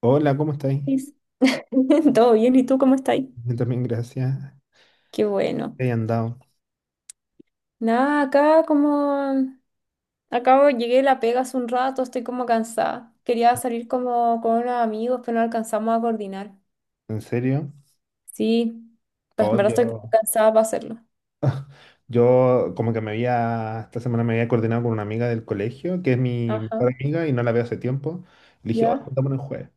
Hola, ¿cómo estáis? Is- Todo bien, ¿y tú cómo estás? Yo también, gracias. Qué bueno. ¿Te hayan dado? Nada, acá como acabo, llegué de la pega hace un rato, estoy como cansada. Quería salir como con unos amigos, pero no alcanzamos a coordinar. ¿En serio? Sí, pues Oh, en verdad estoy yo, cansada para hacerlo. yo como que esta semana me había coordinado con una amiga del colegio, que es mi Ajá, mejor amiga y no la veo hace tiempo. Le dije, oh, ya, juntémonos el jueves.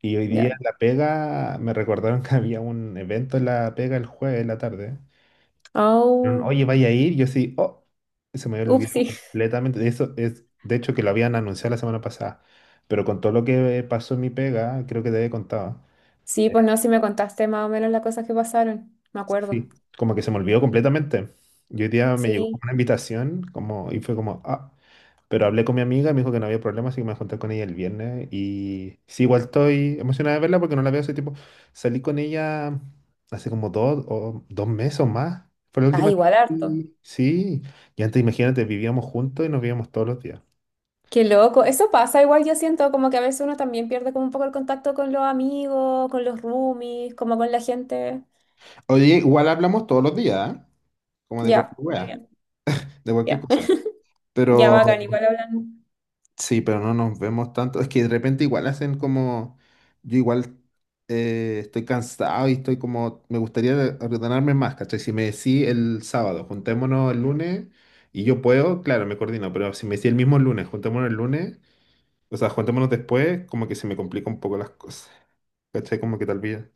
Y hoy día ya. en la pega me recordaron que había un evento en la pega el jueves en la tarde. Dijeron, Au, oye, vaya a ir. Yo sí, oh, se me había olvidado upsi. completamente. De eso es, de hecho, que lo habían anunciado la semana pasada. Pero con todo lo que pasó en mi pega, creo que te había contado. Sí, pues no, si me contaste más o menos las cosas que pasaron, me acuerdo. Sí, como que se me olvidó completamente. Y hoy día me llegó como Sí. una invitación como, y fue como, ah, pero hablé con mi amiga, me dijo que no había problema, así que me junté con ella el viernes. Y sí, igual estoy emocionada de verla porque no la veo hace tiempo. Salí con ella hace como 2 o 2 meses o más. Fue la Ah, última vez que- igual harto. salí. Sí, y antes imagínate, vivíamos juntos y nos veíamos todos los días. Qué loco, eso pasa, igual yo siento como que a veces uno también pierde como un poco el contacto con los amigos, con los roomies, como con la gente. Oye, igual hablamos todos los días, ¿eh? Como de Ya, cualquier muy wea, bien, de cualquier ya, cosa. ya, Pero bacán, igual hablan. Sí, pero no nos vemos tanto. Es que de repente igual hacen como... Yo igual estoy cansado y estoy como... Me gustaría ordenarme más, ¿cachai? Si me decís el sábado, juntémonos el lunes y yo puedo, claro, me coordino, pero si me decís el mismo lunes, juntémonos el lunes, o sea, juntémonos después, como que se me complica un poco las cosas, ¿cachai? Como que tal vez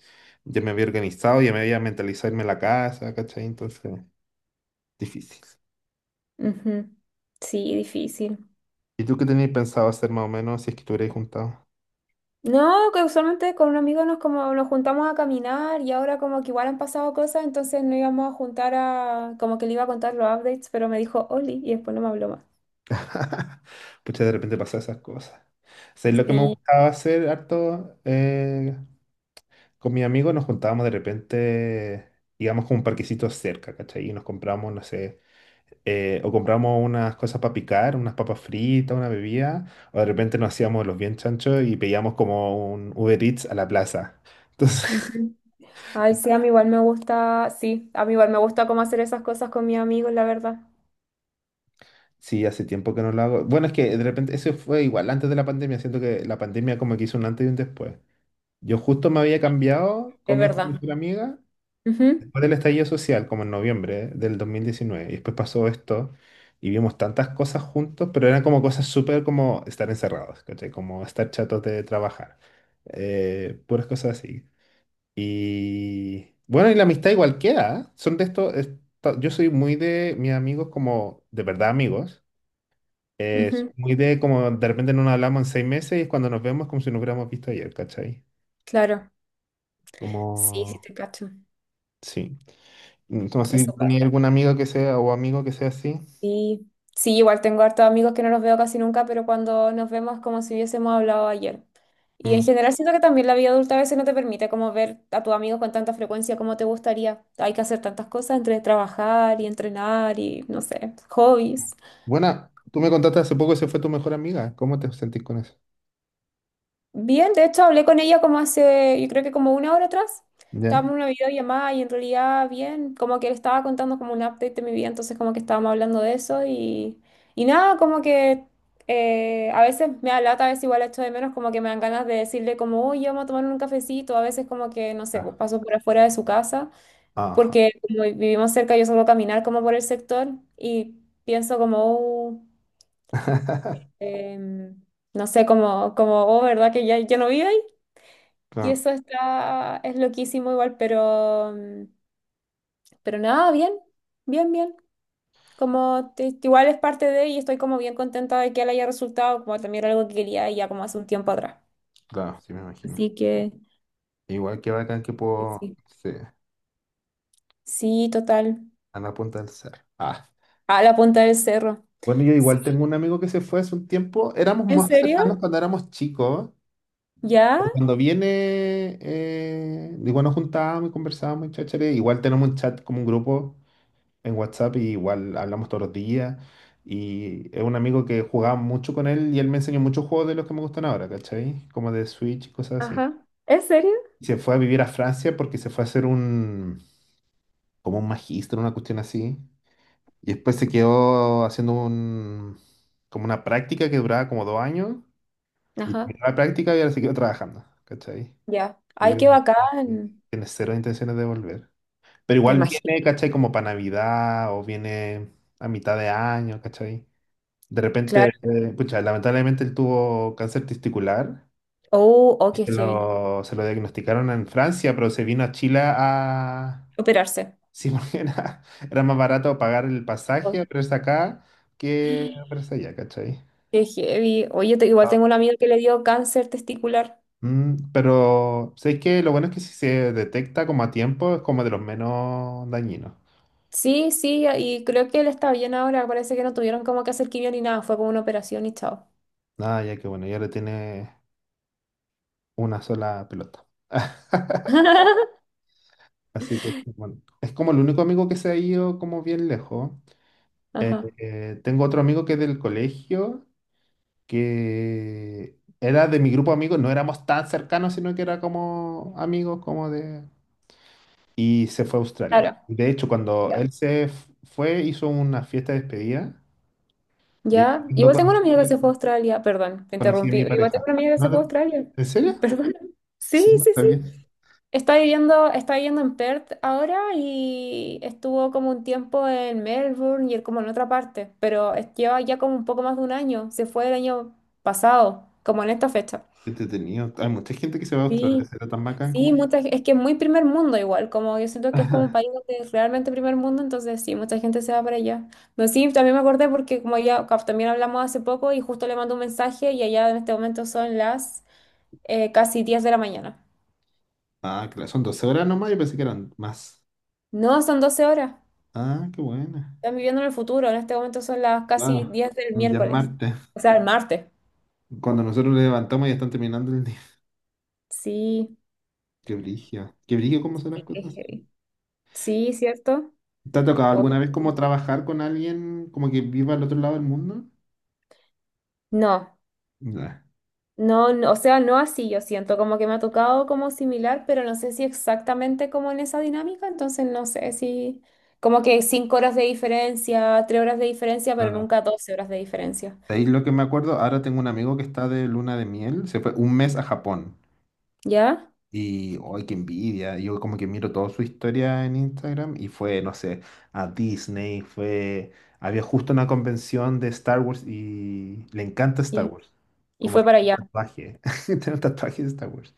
ya me había organizado, ya me había mentalizado irme a la casa, ¿cachai? Entonces, difícil. Ujú. Sí, difícil. ¿Y tú qué tenías pensado hacer más o menos si es que te juntado? No, que usualmente con un amigo nos como nos juntamos a caminar y ahora como que igual han pasado cosas, entonces no íbamos a juntar a, como que le iba a contar los updates, pero me dijo Oli y después no me habló más. Pucha, de repente pasan esas cosas. ¿Sabes lo que me Sí. gustaba hacer harto? Con mi amigo nos juntábamos de repente, íbamos con un parquecito cerca, ¿cachai? Y nos compramos, no sé, o compramos unas cosas para picar, unas papas fritas, una bebida, o de repente nos hacíamos los bien chanchos y pedíamos como un Uber Eats a la plaza. Entonces, Ujú. Ay, sí, a mí igual me gusta, sí, a mí igual me gusta como hacer esas cosas con mis amigos, la verdad. sí, hace tiempo que no lo hago. Bueno, es que de repente, eso fue igual antes de la pandemia, siento que la pandemia como que hizo un antes y un después. Yo justo me había cambiado Es con mi esta verdad. mejor amiga Ujú, después del estallido social, como en noviembre del 2019. Y después pasó esto y vimos tantas cosas juntos, pero eran como cosas súper como estar encerrados, ¿cachai? Como estar chatos de trabajar. Puras cosas así. Y bueno, y la amistad igual queda. ¿Eh? Son de estos. Yo soy muy de mis amigos como de verdad amigos. Soy ujú, muy de como de repente no nos hablamos en 6 meses y es cuando nos vemos como si nos hubiéramos visto ayer, ¿cachai? claro. Sí, sí Como... te cacho. Sí. No sé si Eso tú pasa. tenías algún amigo que sea o amigo que sea así. Sí, sí, igual tengo hartos amigos que no los veo casi nunca, pero cuando nos vemos es como si hubiésemos hablado ayer. Y en Mm. general siento que también la vida adulta a veces no te permite como ver a tus amigos con tanta frecuencia como te gustaría. Hay que hacer tantas cosas entre trabajar y entrenar y no sé, hobbies. Bueno, tú me contaste hace poco que se fue tu mejor amiga. ¿Cómo te sentís con eso? Bien, de hecho hablé con ella como hace, yo creo que como una hora atrás. ¿Ya? Estábamos en una videollamada y en realidad bien, como que le estaba contando como un update de mi vida, entonces como que estábamos hablando de eso y nada, como que a veces me da lata, a veces igual la echo de menos, como que me dan ganas de decirle como, oye, vamos a tomar un cafecito, a veces como que, no sé, pues Ah, paso por afuera de su casa, ajá. porque como vivimos cerca, yo suelo caminar como por el sector y pienso como, em, no sé, como, como, oh, ¿verdad que ya no vive? Y Claro, eso está, es loquísimo igual, pero, pero nada, bien, bien, bien. Como igual es parte de y estoy como bien contenta de que le haya resultado, como también era algo que quería ya como hace un tiempo atrás. claro, sí me imagino. Así que Igual que bacán que que puedo sí. sí, Sí, total. a la punta del cerro. Ah. A la punta del cerro. Bueno, yo Sí. igual tengo un amigo que se fue hace un tiempo. Éramos ¿En más serio? cercanos cuando éramos chicos. ¿Ya? Pero cuando viene, igual nos juntábamos y conversábamos y cháchare. Igual tenemos un chat como un grupo en WhatsApp y igual hablamos todos los días. Y es un amigo que jugaba mucho con él y él me enseñó muchos juegos de los que me gustan ahora, ¿cachai? Como de Switch y cosas así. Ajá. ¿En serio? Y se fue a vivir a Francia porque se fue a hacer como un magíster, una cuestión así. Y después se quedó haciendo como una práctica que duraba como 2 años. Y Ajá. terminó la práctica y ahora se quedó trabajando, ¿cachai? Ya. Y Ay, creo qué que bacán. tiene cero intenciones de volver. Pero Me igual imagino. viene, ¿cachai? Como para Navidad o viene a mitad de año, ¿cachai? De repente, Claro. Pucha, lamentablemente él tuvo cáncer testicular Oh, oh, y qué se heavy. lo, se lo diagnosticaron en Francia, pero se vino a Chile a... Operarse. Sí, porque era más barato pagar el pasaje Oh, a verse acá que verse allá, ¿cachai? qué heavy. Oye, igual Pero, tengo un amigo que le dio cáncer testicular. pero sé que lo bueno es que si se detecta como a tiempo es como de los menos dañinos. Sí, sí, y creo que él está bien ahora. Parece que no tuvieron como que hacer quimio ni nada. Fue como una operación y chao. Nada, ya que bueno, ya le tiene una sola pelota. Así que bueno, es como el único amigo que se ha ido como bien lejos. Eh, Ajá. eh, tengo otro amigo que es del colegio, que era de mi grupo de amigos, no éramos tan cercanos, sino que era como amigos, como de... Y se fue a Australia. Claro. De hecho, cuando Ya. él se fue, hizo una fiesta de despedida. Y ahí fue Ya. cuando Igual tengo una amiga que conocí, se fue a Australia. Perdón, te conocí a interrumpí. mi Igual tengo pareja. una amiga que ¿No se fue a te- Australia. ¿En serio? Perdón. Sí, Sí, no sí, sí. sabía. Está viviendo en Perth ahora y estuvo como un tiempo en Melbourne y él como en otra parte, pero lleva ya como un poco más de un año. Se fue el año pasado, como en esta fecha. Qué entretenido. Hay mucha gente que se va a Australia, Sí. será tan bacán como Sí, él. mucha, es que es muy primer mundo igual, como yo siento que es como un país donde es realmente primer mundo, entonces sí, mucha gente se va para allá. No, sí, también me acordé porque como ya también hablamos hace poco y justo le mando un mensaje y allá en este momento son las casi 10 de la mañana. Ah, claro, son 12 horas nomás, yo pensé que eran más. No, son 12 horas. Ah, qué buena. Están viviendo en el futuro, en este momento son las casi Claro, diez del ya es miércoles, martes. o sea, el martes. Cuando nosotros nos levantamos ya están terminando el día. Sí, Qué brillo. Qué brillo cómo son las qué cosas. heavy. Sí, ¿cierto? ¿Te ha tocado O- alguna vez como trabajar con alguien como que viva al otro lado del mundo? No. Nah, No, no, o sea, no así, yo siento como que me ha tocado como similar, pero no sé si exactamente como en esa dinámica, entonces no sé si como que 5 horas de diferencia, 3 horas de diferencia, pero nada. nunca 12 horas de diferencia. Ahí lo que me acuerdo, ahora tengo un amigo que está de luna de miel, se fue un mes a Japón. ¿Ya? Y, ¡ay, qué envidia! Yo como que miro toda su historia en Instagram y fue, no sé, a Disney, fue... Había justo una convención de Star Wars y le encanta Star Y, Wars. y Como fue que para tiene un allá. tatuaje, tiene un tatuaje de Star Wars.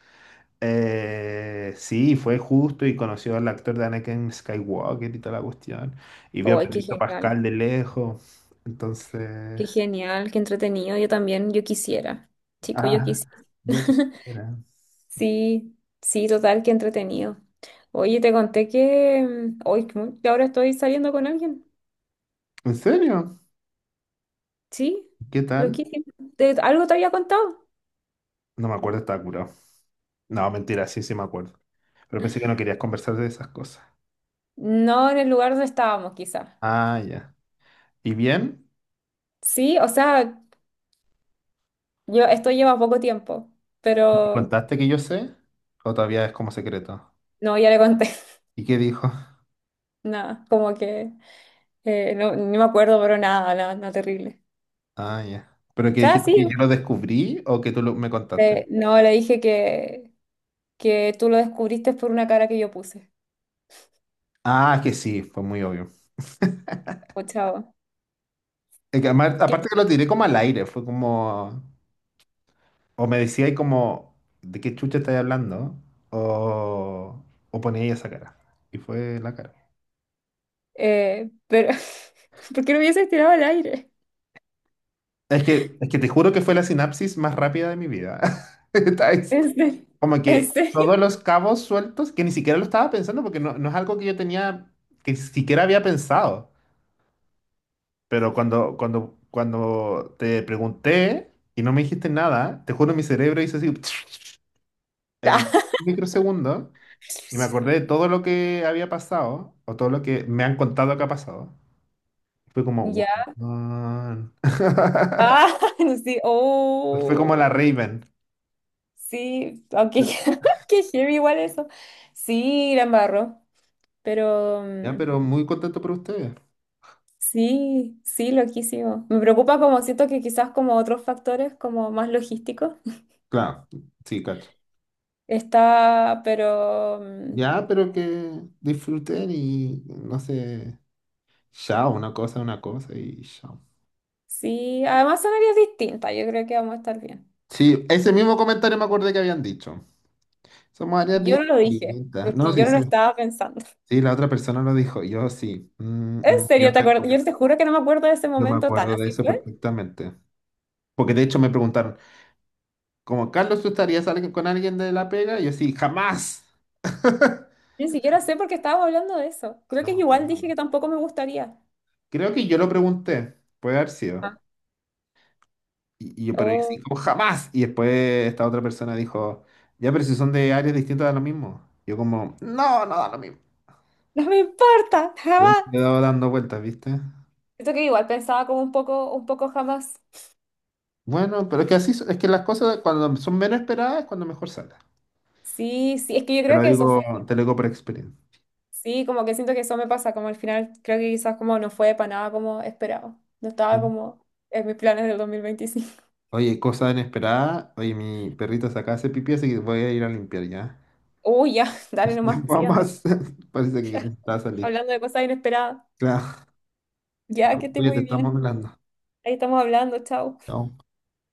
Sí, fue justo y conoció al actor de Anakin Skywalker y toda la cuestión. Y vio Oh, a ¡ay, qué Pedrito genial! Pascal de lejos. Entonces, ¡Qué genial! ¡Qué entretenido! Yo también, yo quisiera. Chico, yo ah, quisiera. yo qué era. Sí, sí, total, qué entretenido. Oye, te conté que hoy que ahora estoy saliendo con alguien. ¿En serio? Sí, ¿Qué tal? loquísimo. ¿Te- ¿Algo te había contado? No me acuerdo, estaba curado. No, mentira, sí, sí me acuerdo. Pero pensé que no querías conversar de esas cosas. No en el lugar donde estábamos, quizá. Ah, ya. ¿Y bien? Sí, o sea, yo, esto lleva poco tiempo, ¿Me pero contaste que yo sé? ¿O todavía es como secreto? no, ya le conté. ¿Y qué dijo? Nada, como que no, no me acuerdo, pero nada, nada, nada terrible. Ah, ya. ¿Pero O que sea, dijiste sí, que yo lo descubrí o que me contaste? No, le dije que tú lo descubriste por una cara que yo puse. Ah, es que sí, fue muy obvio. O chavo. Es que aparte que lo tiré como al aire, fue como... O me decía ahí como, ¿de qué chucha estáis hablando? O, ponía ahí esa cara. Y fue la cara. Pero, ¿por qué lo hubieses tirado al aire? Es que te juro que fue la sinapsis más rápida de mi vida. Está esto. ¿En serio? Como ¿En que serio? todos los cabos sueltos, que ni siquiera lo estaba pensando, porque no, no es algo que yo tenía, que siquiera había pensado. Pero cuando te pregunté y no me dijiste nada, te juro mi cerebro hizo así... en microsegundos y me acordé de todo lo que había pasado o todo lo que me han contado que ha pasado. Fue como, Ya, wow. ah, sí, Fue como la oh, Raven. sí, aunque qué heavy igual eso. Sí, la embarró, pero Ya, pero muy contento por ustedes. sí, sí, loquísimo. Me preocupa como siento que quizás como otros factores como más logísticos Claro, sí, cacho. está, pero Ya, pero que disfruten y no sé, chao, una cosa y chao. sí, además son áreas distintas, yo creo que vamos a estar bien. Sí, ese mismo comentario me acordé que habían dicho. Somos áreas Yo no lo dije, distintas. No, porque yo sí, no lo sí. estaba pensando. Sí, la otra persona lo dijo. Yo sí. Y En me serio, te quedé. acuerdas, yo te juro que no me acuerdo de ese Yo me momento tan acuerdo de así eso fue. perfectamente. Porque de hecho me preguntaron, como Carlos, ¿tú estarías con alguien de la pega? Y yo sí, jamás. Ni siquiera sé por qué estábamos hablando de eso. Creo No que me igual dije acuerdo. que tampoco me gustaría. Creo que yo lo pregunté, puede haber sido. Ah. Y yo, pero yo Oh, sí, como jamás. Y después esta otra persona dijo, ya, pero si son de áreas distintas da lo mismo. Yo como, no, no da lo mismo. no me importa, Y ahí me he jamás. dado dando vueltas, ¿viste? Siento que igual pensaba como un poco jamás. Bueno, pero es que así, es que las cosas cuando son menos esperadas es cuando mejor salen. Sí, sí, es que yo creo que eso fue. Te lo digo por experiencia. Sí, como que siento que eso me pasa, como al final creo que quizás como no fue para nada como esperaba. No estaba como en mis planes del 2025. Oye, cosa inesperada. Oye, mi perrito se acaba de hacer pipí, así que voy a ir a limpiar ya. Uy, ya, dale nomás, sí, anda. Vamos, parece que te está a salir. Hablando de cosas inesperadas. Claro, Ya, que esté oye, te muy bien. estamos hablando. Ahí estamos hablando, chao. Chao.